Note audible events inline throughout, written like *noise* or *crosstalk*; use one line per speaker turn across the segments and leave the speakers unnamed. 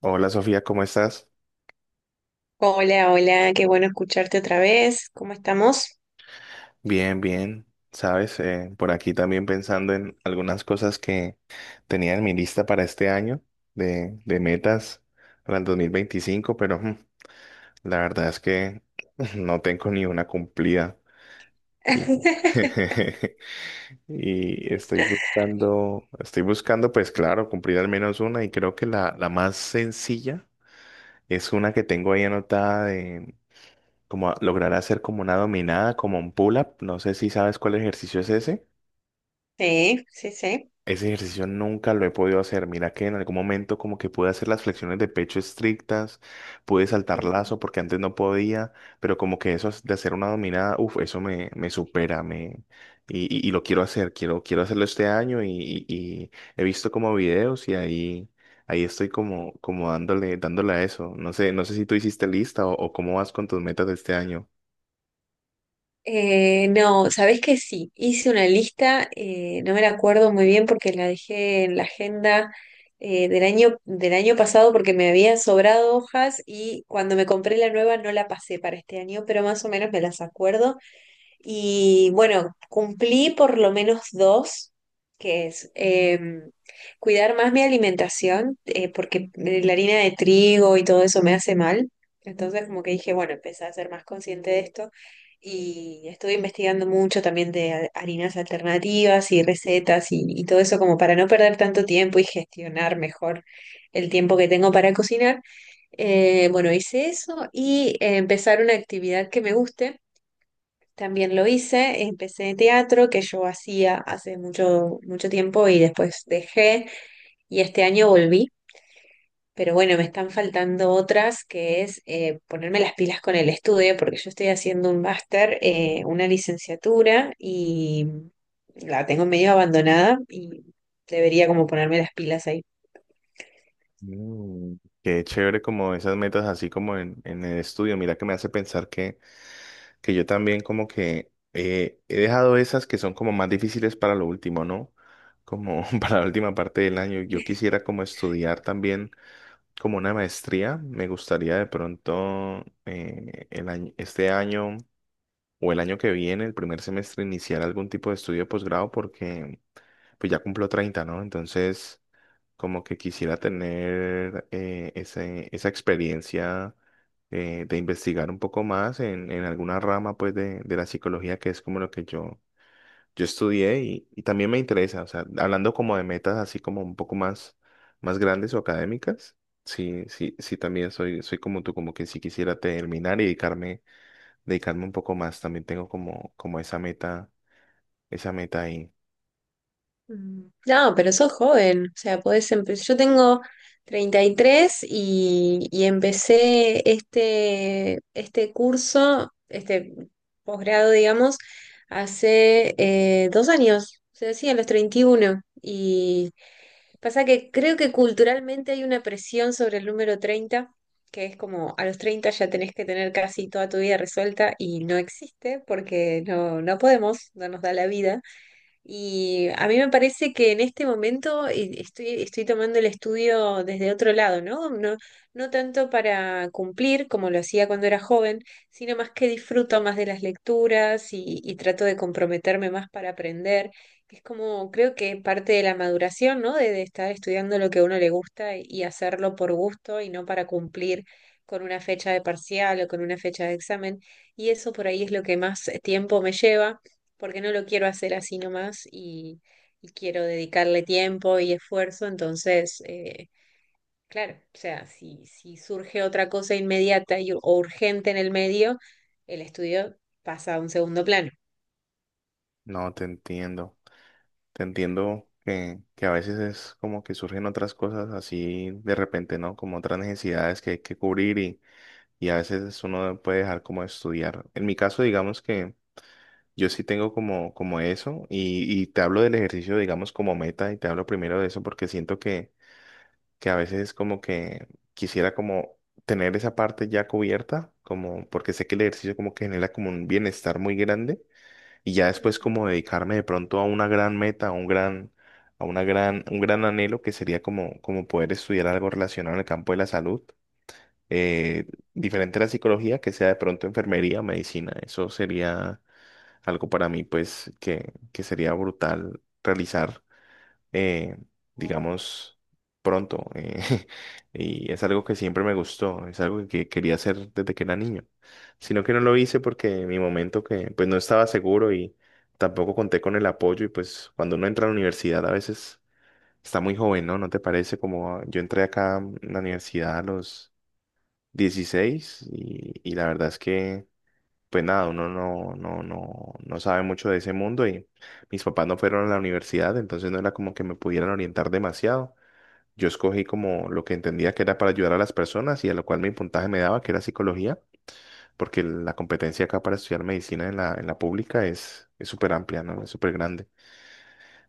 Hola Sofía, ¿cómo estás?
Hola, hola, qué bueno escucharte otra vez. ¿Cómo estamos?
Bien, bien. Sabes, por aquí también pensando en algunas cosas que tenía en mi lista para este año de metas para el 2025, pero la verdad es que *laughs* no tengo ni una cumplida. Y, *laughs*
*laughs*
y estoy buscando, pues claro, cumplir al menos una y creo que la más sencilla es una que tengo ahí anotada como lograr hacer como una dominada, como un pull-up. No sé si sabes cuál ejercicio es ese.
Sí, sí, sí.
Ese ejercicio nunca lo he podido hacer. Mira que en algún momento como que pude hacer las flexiones de pecho estrictas, pude saltar
Ujú.
lazo porque antes no podía, pero como que eso es de hacer una dominada, uff, eso me supera. Y, y lo quiero hacer, quiero hacerlo este año y, y he visto como videos y ahí estoy como dándole a eso. No sé si tú hiciste lista o cómo vas con tus metas de este año.
No, sabés que sí, hice una lista. No me la acuerdo muy bien porque la dejé en la agenda del año pasado porque me habían sobrado hojas y cuando me compré la nueva no la pasé para este año, pero más o menos me las acuerdo. Y bueno, cumplí por lo menos dos, que es cuidar más mi alimentación, porque la harina de trigo y todo eso me hace mal. Entonces como que dije, bueno, empecé a ser más consciente de esto y estuve investigando mucho también de harinas alternativas y recetas y todo eso como para no perder tanto tiempo y gestionar mejor el tiempo que tengo para cocinar. Bueno, hice eso y empezar una actividad que me guste también lo hice, empecé teatro que yo hacía hace mucho, mucho tiempo y después dejé, y este año volví. Pero bueno, me están faltando otras, que es ponerme las pilas con el estudio, porque yo estoy haciendo un máster, una licenciatura, y la tengo medio abandonada y debería como ponerme las pilas ahí.
Mm, Qué chévere como esas metas así como en, el estudio. Mira que me hace pensar que yo también como que he dejado esas que son como más difíciles para lo último, ¿no? Como *laughs* para la última parte del año. Yo quisiera como estudiar también como una maestría. Me gustaría de pronto el año, este año o el año que viene, el primer semestre, iniciar algún tipo de estudio de posgrado porque pues ya cumplo 30, ¿no? Entonces como que quisiera tener esa experiencia de investigar un poco más en, alguna rama pues de, la psicología que es como lo que yo estudié y, también me interesa, o sea, hablando como de metas así como un poco más, más grandes o académicas, sí, sí, sí también soy como tú, como que sí quisiera terminar y dedicarme un poco más, también tengo como, esa meta ahí.
Mm. No, pero sos joven, o sea, podés empezar. Yo tengo 33 y empecé este curso, este posgrado, digamos, hace 2 años. O sea, sí, a los 31. Y pasa que creo que culturalmente hay una presión sobre el número 30, que es como, a los 30 ya tenés que tener casi toda tu vida resuelta, y no existe porque no, no podemos, no nos da la vida. Y a mí me parece que en este momento estoy tomando el estudio desde otro lado, ¿no? No, no tanto para cumplir como lo hacía cuando era joven, sino más, que disfruto más de las lecturas y trato de comprometerme más para aprender. Es como, creo que parte de la maduración, ¿no? De estar estudiando lo que a uno le gusta y hacerlo por gusto y no para cumplir con una fecha de parcial o con una fecha de examen. Y eso por ahí es lo que más tiempo me lleva, porque no lo quiero hacer así nomás, y quiero dedicarle tiempo y esfuerzo. Entonces, claro, o sea, si surge otra cosa inmediata y, o urgente en el medio, el estudio pasa a un segundo plano.
No, te entiendo. Te entiendo que a veces es como que surgen otras cosas así de repente, ¿no? Como otras necesidades que hay que cubrir y, a veces uno puede dejar como de estudiar. En mi caso, digamos que yo sí tengo como, eso y, te hablo del ejercicio, digamos, como meta y te hablo primero de eso porque siento que a veces es como que quisiera como tener esa parte ya cubierta, como porque sé que el ejercicio como que genera como un bienestar muy grande y ya después
Ujú.
como dedicarme de pronto a una gran meta, a un gran, a una gran, un gran anhelo que sería como, como poder estudiar algo relacionado en el campo de la salud, eh, diferente a la psicología, que sea de pronto enfermería, medicina, eso sería algo para mí pues que, sería brutal realizar eh,
Wow.
digamos, pronto. *laughs* Y es algo que siempre me gustó, es algo que quería hacer desde que era niño, sino que no lo hice porque en mi momento que pues no estaba seguro y tampoco conté con el apoyo y pues cuando uno entra a la universidad a veces está muy joven, ¿no? ¿No te parece? Como yo entré acá a la universidad a los 16 y, la verdad es que pues nada, uno no sabe mucho de ese mundo y mis papás no fueron a la universidad, entonces no era como que me pudieran orientar demasiado. Yo escogí como lo que entendía que era para ayudar a las personas y a lo cual mi puntaje me daba, que era psicología, porque la competencia acá para estudiar medicina en la, pública es súper amplia, ¿no? Es súper grande.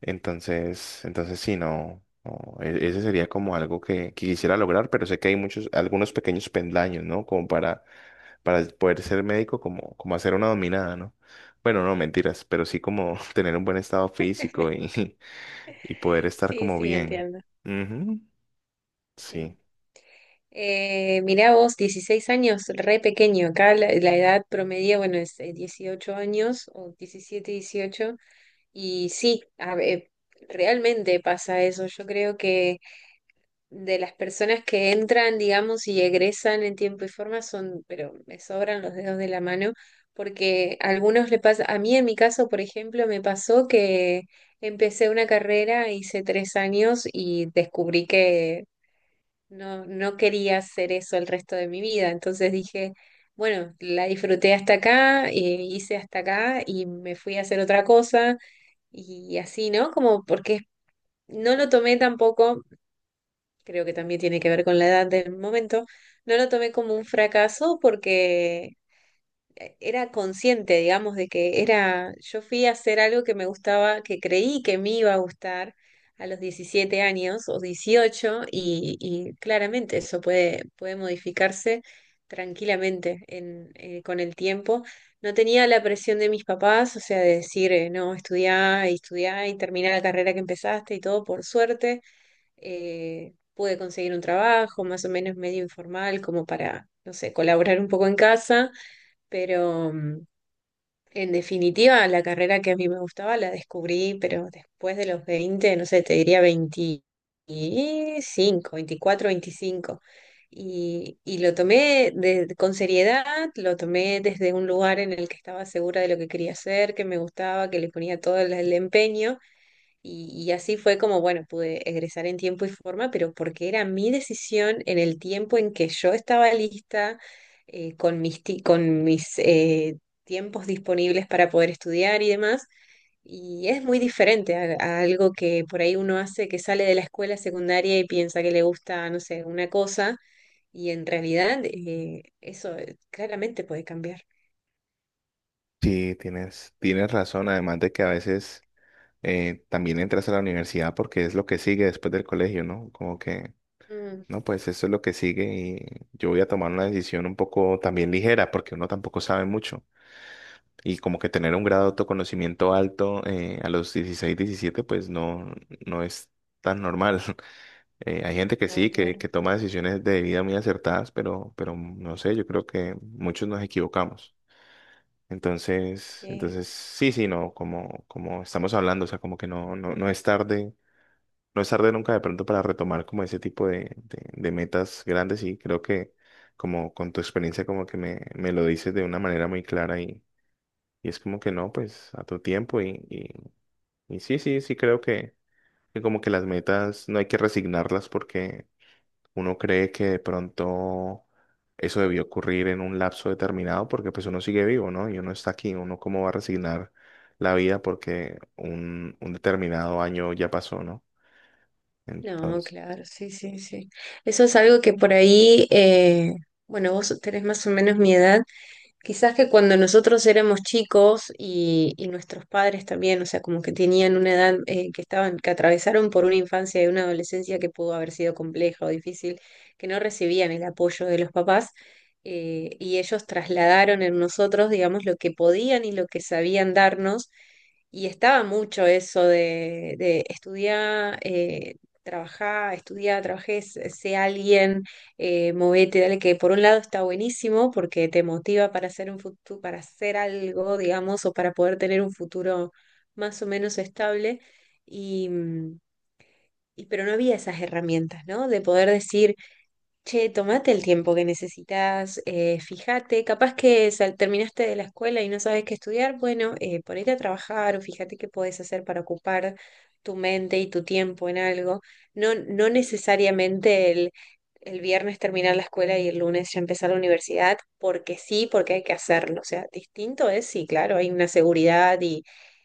Entonces, sí, no, no, ese sería como algo que quisiera lograr, pero sé que hay muchos, algunos pequeños pendaños, ¿no? Como para poder ser médico, como, hacer una dominada, ¿no? Bueno, no, mentiras, pero sí como *laughs* tener un buen estado físico y,
*laughs*
*laughs* y poder estar
Sí,
como
sí,
bien.
entiendo.
Ujú,
Sí.
Sí,
Mirá vos, 16 años, re pequeño. Acá la edad promedio, bueno, es 18 años o 17, 18 Y sí, realmente pasa eso. Yo creo que de las personas que entran, digamos, y egresan en tiempo y forma son, pero me sobran los dedos de la mano, porque a algunos le pasa. A mí en mi caso, por ejemplo, me pasó que empecé una carrera, hice 3 años y descubrí que no, no quería hacer eso el resto de mi vida. Entonces dije, bueno, la disfruté hasta acá, hice hasta acá y me fui a hacer otra cosa. Y así, ¿no? Como porque es, no lo tomé tampoco, creo que también tiene que ver con la edad del momento, no lo tomé como un fracaso, porque era consciente, digamos, de que era, yo fui a hacer algo que me gustaba, que creí que me iba a gustar a los 17 años o 18, y claramente eso puede modificarse tranquilamente con el tiempo. No tenía la presión de mis papás, o sea, de decir, no, estudiá y estudiá y terminá la carrera que empezaste y todo. Por suerte pude conseguir un trabajo más o menos medio informal como para, no sé, colaborar un poco en casa, pero en definitiva la carrera que a mí me gustaba la descubrí, pero después de los 20, no sé, te diría 25, 24, 25 Y lo tomé con seriedad, lo tomé desde un lugar en el que estaba segura de lo que quería hacer, que me gustaba, que le ponía todo el empeño. Y así fue como, bueno, pude egresar en tiempo y forma, pero porque era mi decisión, en el tiempo en que yo estaba lista, con mis tiempos disponibles para poder estudiar y demás. Y es muy diferente a algo que por ahí uno hace que sale de la escuela secundaria y piensa que le gusta, no sé, una cosa, y en realidad eso claramente puede cambiar.
sí, tienes razón, además de que a veces también entras a la universidad porque es lo que sigue después del colegio, ¿no? Como que,
Mm,
no, pues eso es lo que sigue y yo voy a tomar una decisión un poco también ligera porque uno tampoco sabe mucho. Y como que tener un grado de autoconocimiento alto a los 16 17 pues no es tan normal. *laughs* Hay gente que
no,
sí, que,
claro,
que toma decisiones de vida muy acertadas, pero no sé, yo creo que muchos nos equivocamos. Entonces,
sí.
entonces sí, sí, no, como estamos hablando, o sea, como que no, no es tarde, no es tarde nunca de pronto para retomar como ese tipo de, de metas grandes y creo que como con tu experiencia como que me lo dices de una manera muy clara y es como que no, pues a tu tiempo. Y sí, sí, sí creo que como que las metas no hay que resignarlas porque uno cree que de pronto eso debió ocurrir en un lapso determinado porque pues uno sigue vivo, ¿no? Y uno está aquí, uno cómo va a resignar la vida porque un determinado año ya pasó, ¿no?
No,
Entonces,
claro, sí, sí, sí. Eso es algo que por ahí, bueno, vos tenés más o menos mi edad. Quizás que cuando nosotros éramos chicos, y nuestros padres también, o sea, como que tenían una edad que atravesaron por una infancia y una adolescencia que pudo haber sido compleja o difícil, que no recibían el apoyo de los papás, y ellos trasladaron en nosotros, digamos, lo que podían y lo que sabían darnos. Y estaba mucho eso de estudiar, trabajar, estudiar, trabajé, sé alguien, movete, dale, que por un lado está buenísimo porque te motiva para hacer un futuro, para hacer algo, digamos, o para poder tener un futuro más o menos estable. Y, mm, pero no había esas herramientas, ¿no? De poder decir: che, tomate el tiempo que necesitas, fíjate, capaz que terminaste de la escuela y no sabes qué estudiar, bueno, ponete a trabajar, o fíjate qué podés hacer para ocupar tu mente y tu tiempo en algo. No, no necesariamente el viernes terminar la escuela y el lunes ya empezar la universidad, porque sí, porque hay que hacerlo. O sea, distinto es, sí, claro, hay una seguridad, y,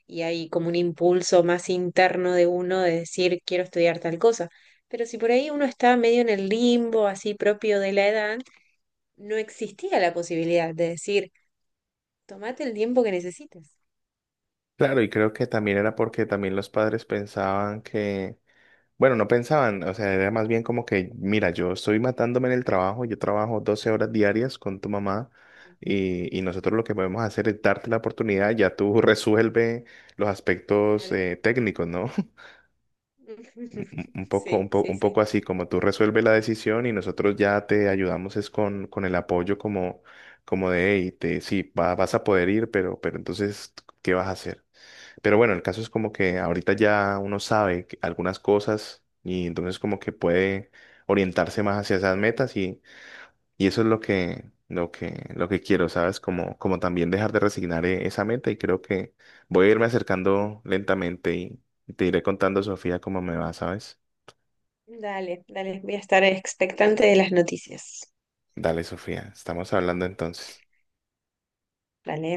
y hay como un impulso más interno de uno de decir, quiero estudiar tal cosa. Pero si por ahí uno estaba medio en el limbo, así propio de la edad, no existía la posibilidad de decir: tomate el tiempo que necesites.
claro, y creo que también era porque también los padres pensaban que bueno, no pensaban, o sea, era más bien como que, mira, yo estoy matándome en el trabajo, yo trabajo 12 horas diarias con tu mamá y, nosotros lo que podemos hacer es darte la oportunidad, ya tú *laughs* resuelve los aspectos
Claro.
técnicos, ¿no? *laughs* Un
*laughs*
un poco, un
Sí,
po-
sí,
un poco
sí.
así, como tú resuelves la decisión y nosotros ya te ayudamos es con, el apoyo como, de, hey, te, sí, vas a poder ir, pero entonces, ¿qué vas a hacer? Pero bueno, el caso es como que ahorita ya uno sabe algunas cosas y entonces como que puede orientarse más hacia esas metas y, eso es lo que, lo que quiero, ¿sabes? Como también dejar de resignar esa meta y creo que voy a irme acercando lentamente y te iré contando, Sofía, cómo me va, ¿sabes?
Dale, dale, voy a estar expectante de las noticias.
Dale, Sofía, estamos hablando entonces.
Dale.